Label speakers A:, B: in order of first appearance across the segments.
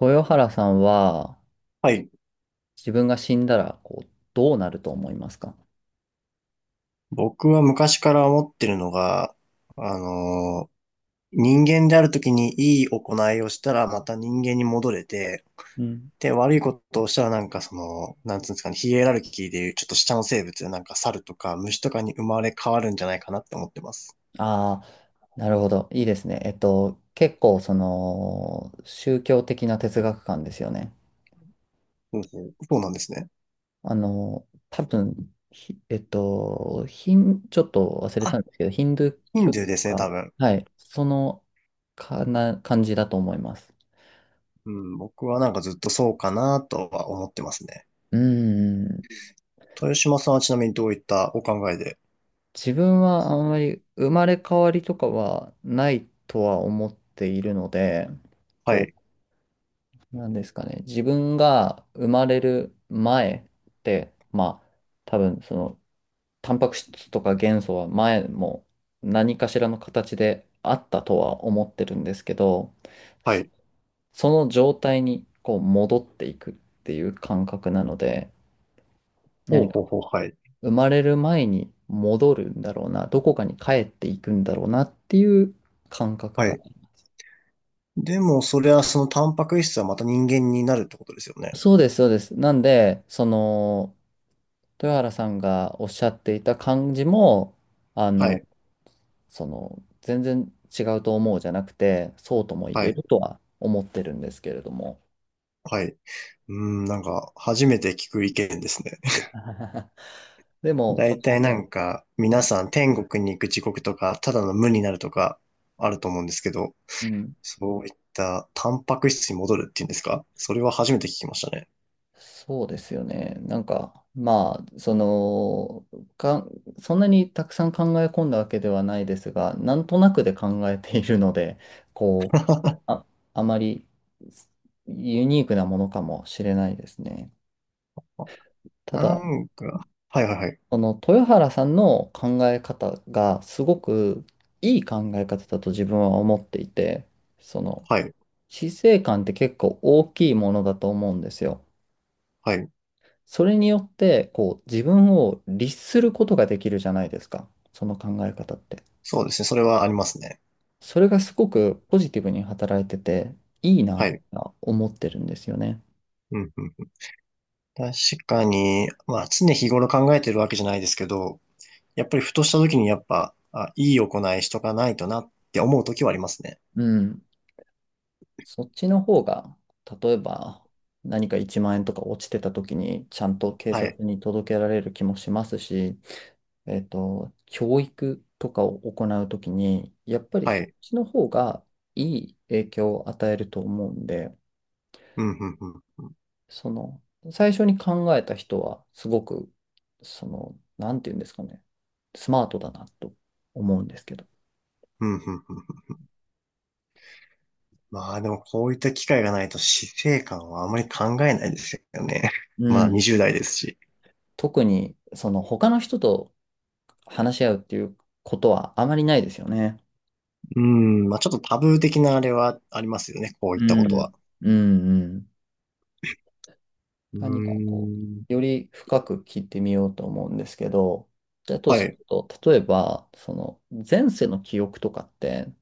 A: 豊原さんは
B: はい。
A: 自分が死んだらどうなると思いますか？
B: 僕は昔から思ってるのが、あのー人間であるときにいい行いをしたらまた人間に戻れて、
A: うん。
B: で、悪いことをしたらなんかその、なんつうんですかね、ヒエラルキーでいうちょっと下の生物なんか猿とか虫とかに生まれ変わるんじゃないかなって思ってます。
A: ああ、なるほど。いいですね。結構その宗教的な哲学観ですよね。
B: ほうほう。そうなんですね。
A: あの、多分、ひえっと、ヒン、ちょっと忘れた
B: あ、
A: んですけど、ヒンドゥー
B: ヒン
A: 教
B: ドゥー
A: と
B: ですね、多
A: か、
B: 分。
A: はい、そのかな感じだと思います。
B: うん、僕はなんかずっとそうかなとは思ってますね。
A: うーん。
B: 豊島さんはちなみにどういったお考えで？
A: 自分はあんまり生まれ変わりとかはないとは思っているので、
B: は
A: こ
B: い。
A: なんですかね。自分が生まれる前って、まあ、多分その、タンパク質とか元素は前も何かしらの形であったとは思ってるんですけど、
B: は
A: そ
B: い。
A: その状態にこう戻っていくっていう感覚なので、
B: ほう
A: 何か
B: ほうほう。はい。
A: 生まれる前に戻るんだろうな、どこかに帰っていくんだろうなっていう感覚
B: は
A: が。
B: い。でも、それはそのタンパク質はまた人間になるってことですよね。
A: そうです、そうです。なんで、その、豊原さんがおっしゃっていた感じも、あ
B: は
A: の、
B: い、
A: その、全然違うと思うじゃなくて、そうとも言
B: は
A: え
B: い、
A: るとは思ってるんですけれども。
B: はい。うーん、なんか、初めて聞く意見ですね。
A: でも、
B: だ
A: そ
B: いたい
A: の、
B: なんか、
A: う
B: 皆さん天国に行く時刻とか、ただの無になるとか、あると思うんですけど、
A: ん、うん、
B: そういったタンパク質に戻るっていうんですか？それは初めて聞きましたね。
A: そうですよね。なんか、まあ、その、か、そんなにたくさん考え込んだわけではないですが、なんとなくで考えているので、こう、あ、あまりユニークなものかもしれないですね。た
B: な
A: だ、
B: んか、はいはいはい、
A: その豊原さんの考え方がすごくいい考え方だと自分は思っていて、その
B: はい、
A: 死生観って結構大きいものだと思うんですよ。
B: はい。
A: それによってこう自分を律することができるじゃないですか。その考え方って。
B: そうですね、それはありますね。
A: それがすごくポジティブに働いてていいな
B: は
A: って
B: い。
A: 思ってるんですよね。
B: うんうん、確かに、まあ常日頃考えてるわけじゃないですけど、やっぱりふとした時にやっぱ、あ、いい行いしとかないとなって思う時はありますね。
A: うん。そっちの方が、例えば何か1万円とか落ちてた時に、ちゃんと警
B: はい。
A: 察に届けられる気もしますし、教育とかを行うときに、やっぱり
B: は
A: そっ
B: い。
A: ちの方がいい影響を与えると思うんで、
B: うん、うん、うん。
A: その、最初に考えた人は、すごく、その、なんていうんですかね、スマートだなと思うんですけど。
B: うん、うん、うん。まあでもこういった機会がないと死生観はあまり考えないですよね。ま
A: う
B: だ
A: ん。
B: 20代ですし。
A: 特に、その、他の人と話し合うっていうことはあまりないですよね。
B: うん、まあちょっとタブー的なあれはありますよね。こう
A: う
B: いったことは。
A: ん、うん、うん。
B: う
A: 何か
B: ー
A: こう、よ
B: ん。
A: り深く聞いてみようと思うんですけど、だと
B: は
A: する
B: い。
A: と、例えば、その前世の記憶とかって、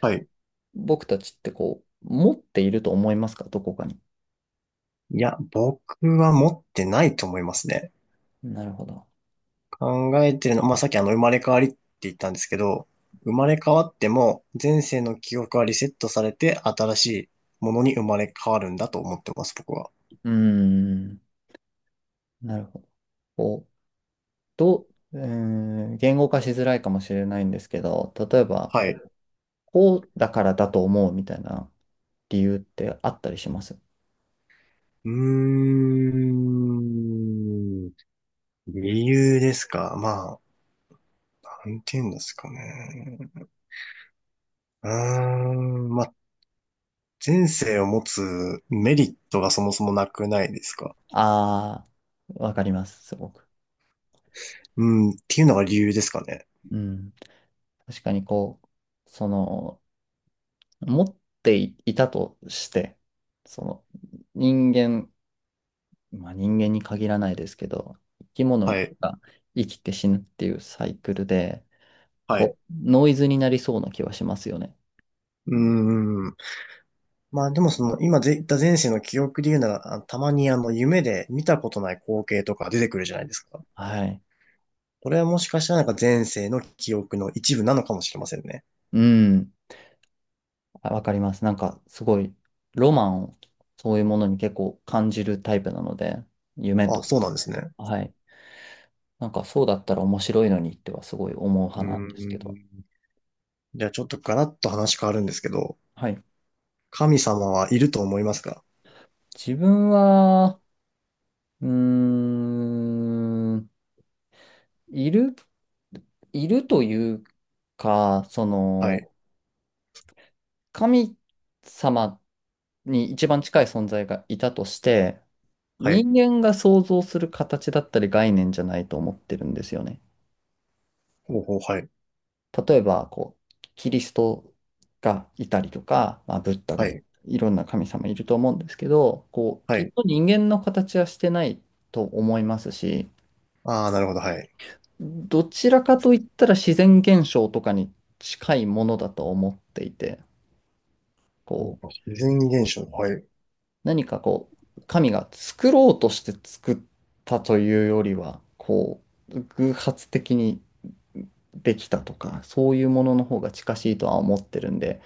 B: はい。
A: 僕たちってこう、持っていると思いますか？どこかに。
B: いや、僕は持ってないと思いますね。
A: なるほど。
B: 考えてるの、まあ、さっきあの、生まれ変わりって言ったんですけど、生まれ変わっても、前世の記憶はリセットされて、新しいものに生まれ変わるんだと思ってます、僕は。
A: うーん、なるほど。こう、どう、うーん、言語化しづらいかもしれないんですけど、例えば
B: はい。
A: こう、
B: う
A: こうだからだと思うみたいな理由ってあったりします？
B: ーん。理由ですか。まあ、なんて言うんですかね。うーん。まあ、前世を持つメリットがそもそもなくないですか。
A: ああー、わかります、すごく。
B: うん。っていうのが理由ですかね。
A: うん、確かにこう、その、持っていたとして、その、人間、まあ人間に限らないですけど、生き物
B: はい。
A: が生きて死ぬっていうサイクルで、
B: はい。
A: こ
B: う
A: う、ノイズになりそうな気はしますよね。
B: ーん。まあでもその今で言った前世の記憶で言うなら、あたまにあの夢で見たことない光景とか出てくるじゃないですか。
A: はい。
B: これはもしかしたらなんか前世の記憶の一部なのかもしれませんね。
A: うん。あ、わかります。なんか、すごい、ロマンを、そういうものに結構感じるタイプなので、夢
B: あ、
A: と。
B: そうなんですね。
A: はい。なんか、そうだったら面白いのにってはすごい思う
B: う
A: 派
B: ー
A: なんですけど。
B: ん。じゃあちょっとガラッと話変わるんですけど、
A: はい。
B: 神様はいると思いますか？
A: 自分は、うーん、いる、いるというか、そ
B: は
A: の、
B: い。
A: 神様に一番近い存在がいたとして、
B: はい。
A: 人間が想像する形だったり概念じゃないと思ってるんですよね。
B: ほうほう、はい。
A: 例えば、こう、キリストがいたりとか、まあ、ブッダ
B: は
A: がい、
B: い。
A: いろんな神様いると思うんですけど、こう、
B: は
A: きっ
B: い。
A: と人間の形はしてないと思いますし、
B: ああ、なるほど、はい。
A: どちらかといったら自然現象とかに近いものだと思っていて、
B: ほ
A: こう、
B: うほう自然現象、はい。
A: 何かこう、神が作ろうとして作ったというよりは、こう、偶発的にできたとか、そういうものの方が近しいとは思ってるんで、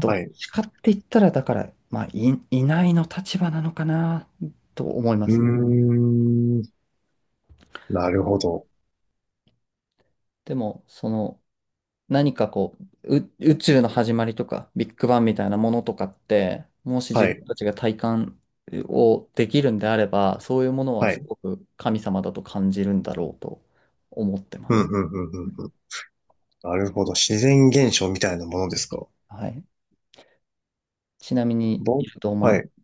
A: どっ
B: はい。う
A: ちかって言ったら、だから、まあ、いないの立場なのかな、と思いま
B: ー
A: す。
B: ん。なるほど。
A: でも、その、何かこう、宇宙の始まりとか、ビッグバンみたいなものとかって、もし自
B: はい。
A: 分たちが体感をできるんであれば、そういうものは
B: は
A: す
B: い。
A: ごく神様だと感じるんだろうと思ってま
B: うん、
A: す。
B: うん、う
A: う
B: ん、
A: ん、
B: うん、なるほど。自然現象みたいなものですか。
A: はい。ちなみに、い
B: ぼ、
A: ると思い
B: は
A: ま
B: い。
A: す。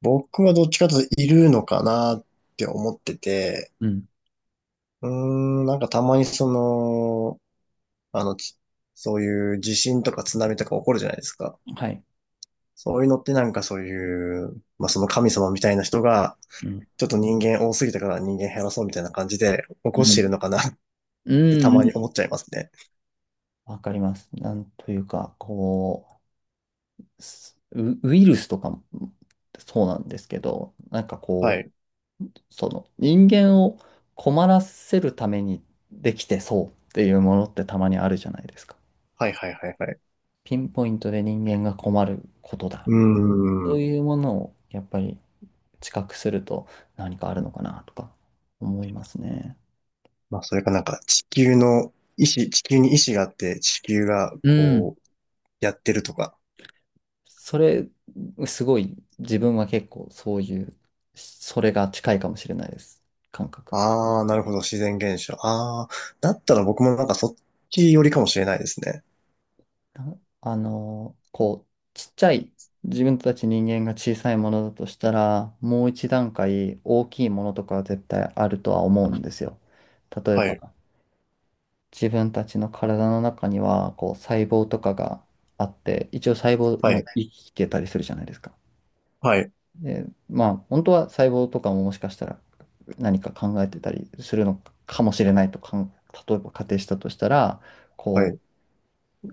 B: 僕はどっちかというといるのかなって思ってて、
A: うん。
B: うーん、なんかたまにその、あの、つそういう地震とか津波とか起こるじゃないですか。
A: はい。
B: そういうのってなんかそういう、まあその神様みたいな人が、
A: うん。
B: ちょっと人間多すぎたから人間減らそうみたいな感じで起
A: う
B: こしている
A: ん。
B: のかなっ
A: う
B: てた
A: ん。う
B: まに
A: ん、
B: 思っちゃいますね。
A: わかります。なんというか、こう、ウイルスとかもそうなんですけど、なんか
B: は
A: こ
B: い。
A: う、その人間を困らせるためにできてそうっていうものってたまにあるじゃないですか。
B: はいはいはいはい。
A: ピンポイントで人間が困ることだ
B: う
A: みたいな。そ
B: ー
A: う
B: ん。
A: いうものをやっぱり知覚すると何かあるのかなとか思いますね。
B: まあ、それかなんか地球の意志、地球に意志があって地球が
A: うん。
B: こうやってるとか。
A: それ、すごい自分は結構そういう、それが近いかもしれないです。感覚。
B: ああ、なるほど、自然現象。ああ、だったら僕もなんかそっち寄りかもしれないですね。
A: なあの、こう、ちっちゃい、自分たち人間が小さいものだとしたら、もう一段階大きいものとかは絶対あるとは思うんですよ。例え
B: はい、
A: ば、自分たちの体の中には、こう、細胞とかがあって、一応細胞
B: は
A: も
B: い、
A: 生きてたりするじゃないですか。
B: はい、
A: で、まあ、本当は細胞とかももしかしたら何か考えてたりするのかもしれないとか例えば仮定したとしたら、
B: は
A: こう、
B: い、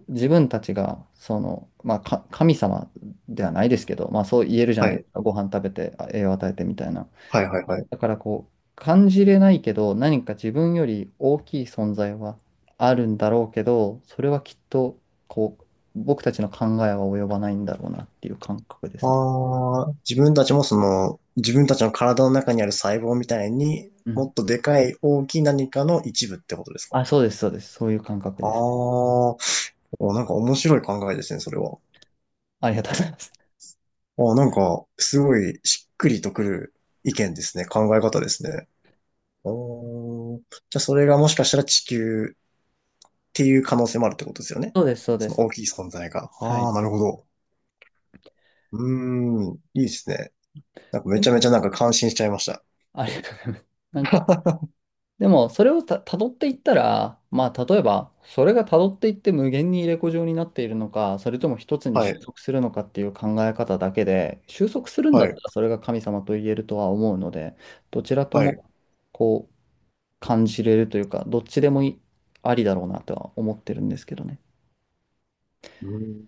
A: 自分たちが、その、まあ、神様ではないですけど、まあ、そう言えるじゃ
B: は
A: ないで
B: い、
A: すか。ご飯食べて、あ栄養与えてみたいな。
B: はい、はい、はい。
A: だから、こう、感じれないけど、何か自分より大きい存在はあるんだろうけど、それはきっと、こう、僕たちの考えは及ばないんだろうなっていう感覚ですね。
B: ああ、自分たちもその、自分たちの体の中にある細胞みたいに
A: う
B: も
A: ん。
B: っとでかい大きい何かの一部ってことですか？
A: あ、そうです、そうです。そういう感覚
B: ああ
A: ですね。
B: ー、おなんか面白い考えですね、それは。
A: ありがとうございます。
B: あ、なんか、すごいしっくりとくる意見ですね。考え方ですね。おーじゃあ、それがもしかしたら地球っていう可能性もあるってことですよね。
A: そうです、そうで
B: その
A: す。
B: 大きい存在が。
A: は
B: ああ、
A: い。
B: なるほど。うーん、いいですね。なんかめ
A: で
B: ち
A: も、
B: ゃめちゃなんか感心しちゃいました。
A: ありがとうございます。なんか、でも、それを辿っていったら、まあ、例えば、それが辿っていって無限に入れ子状になっているのか、それとも一つに
B: は
A: 収
B: い、
A: 束するのかっていう考え方だけで、収束するんだ
B: は
A: った
B: い、
A: らそれが神様と言えるとは思うので、どちらと
B: はい。
A: も、こう、感じれるというか、どっちでもいいありだろうなとは思ってるんですけどね。
B: ーん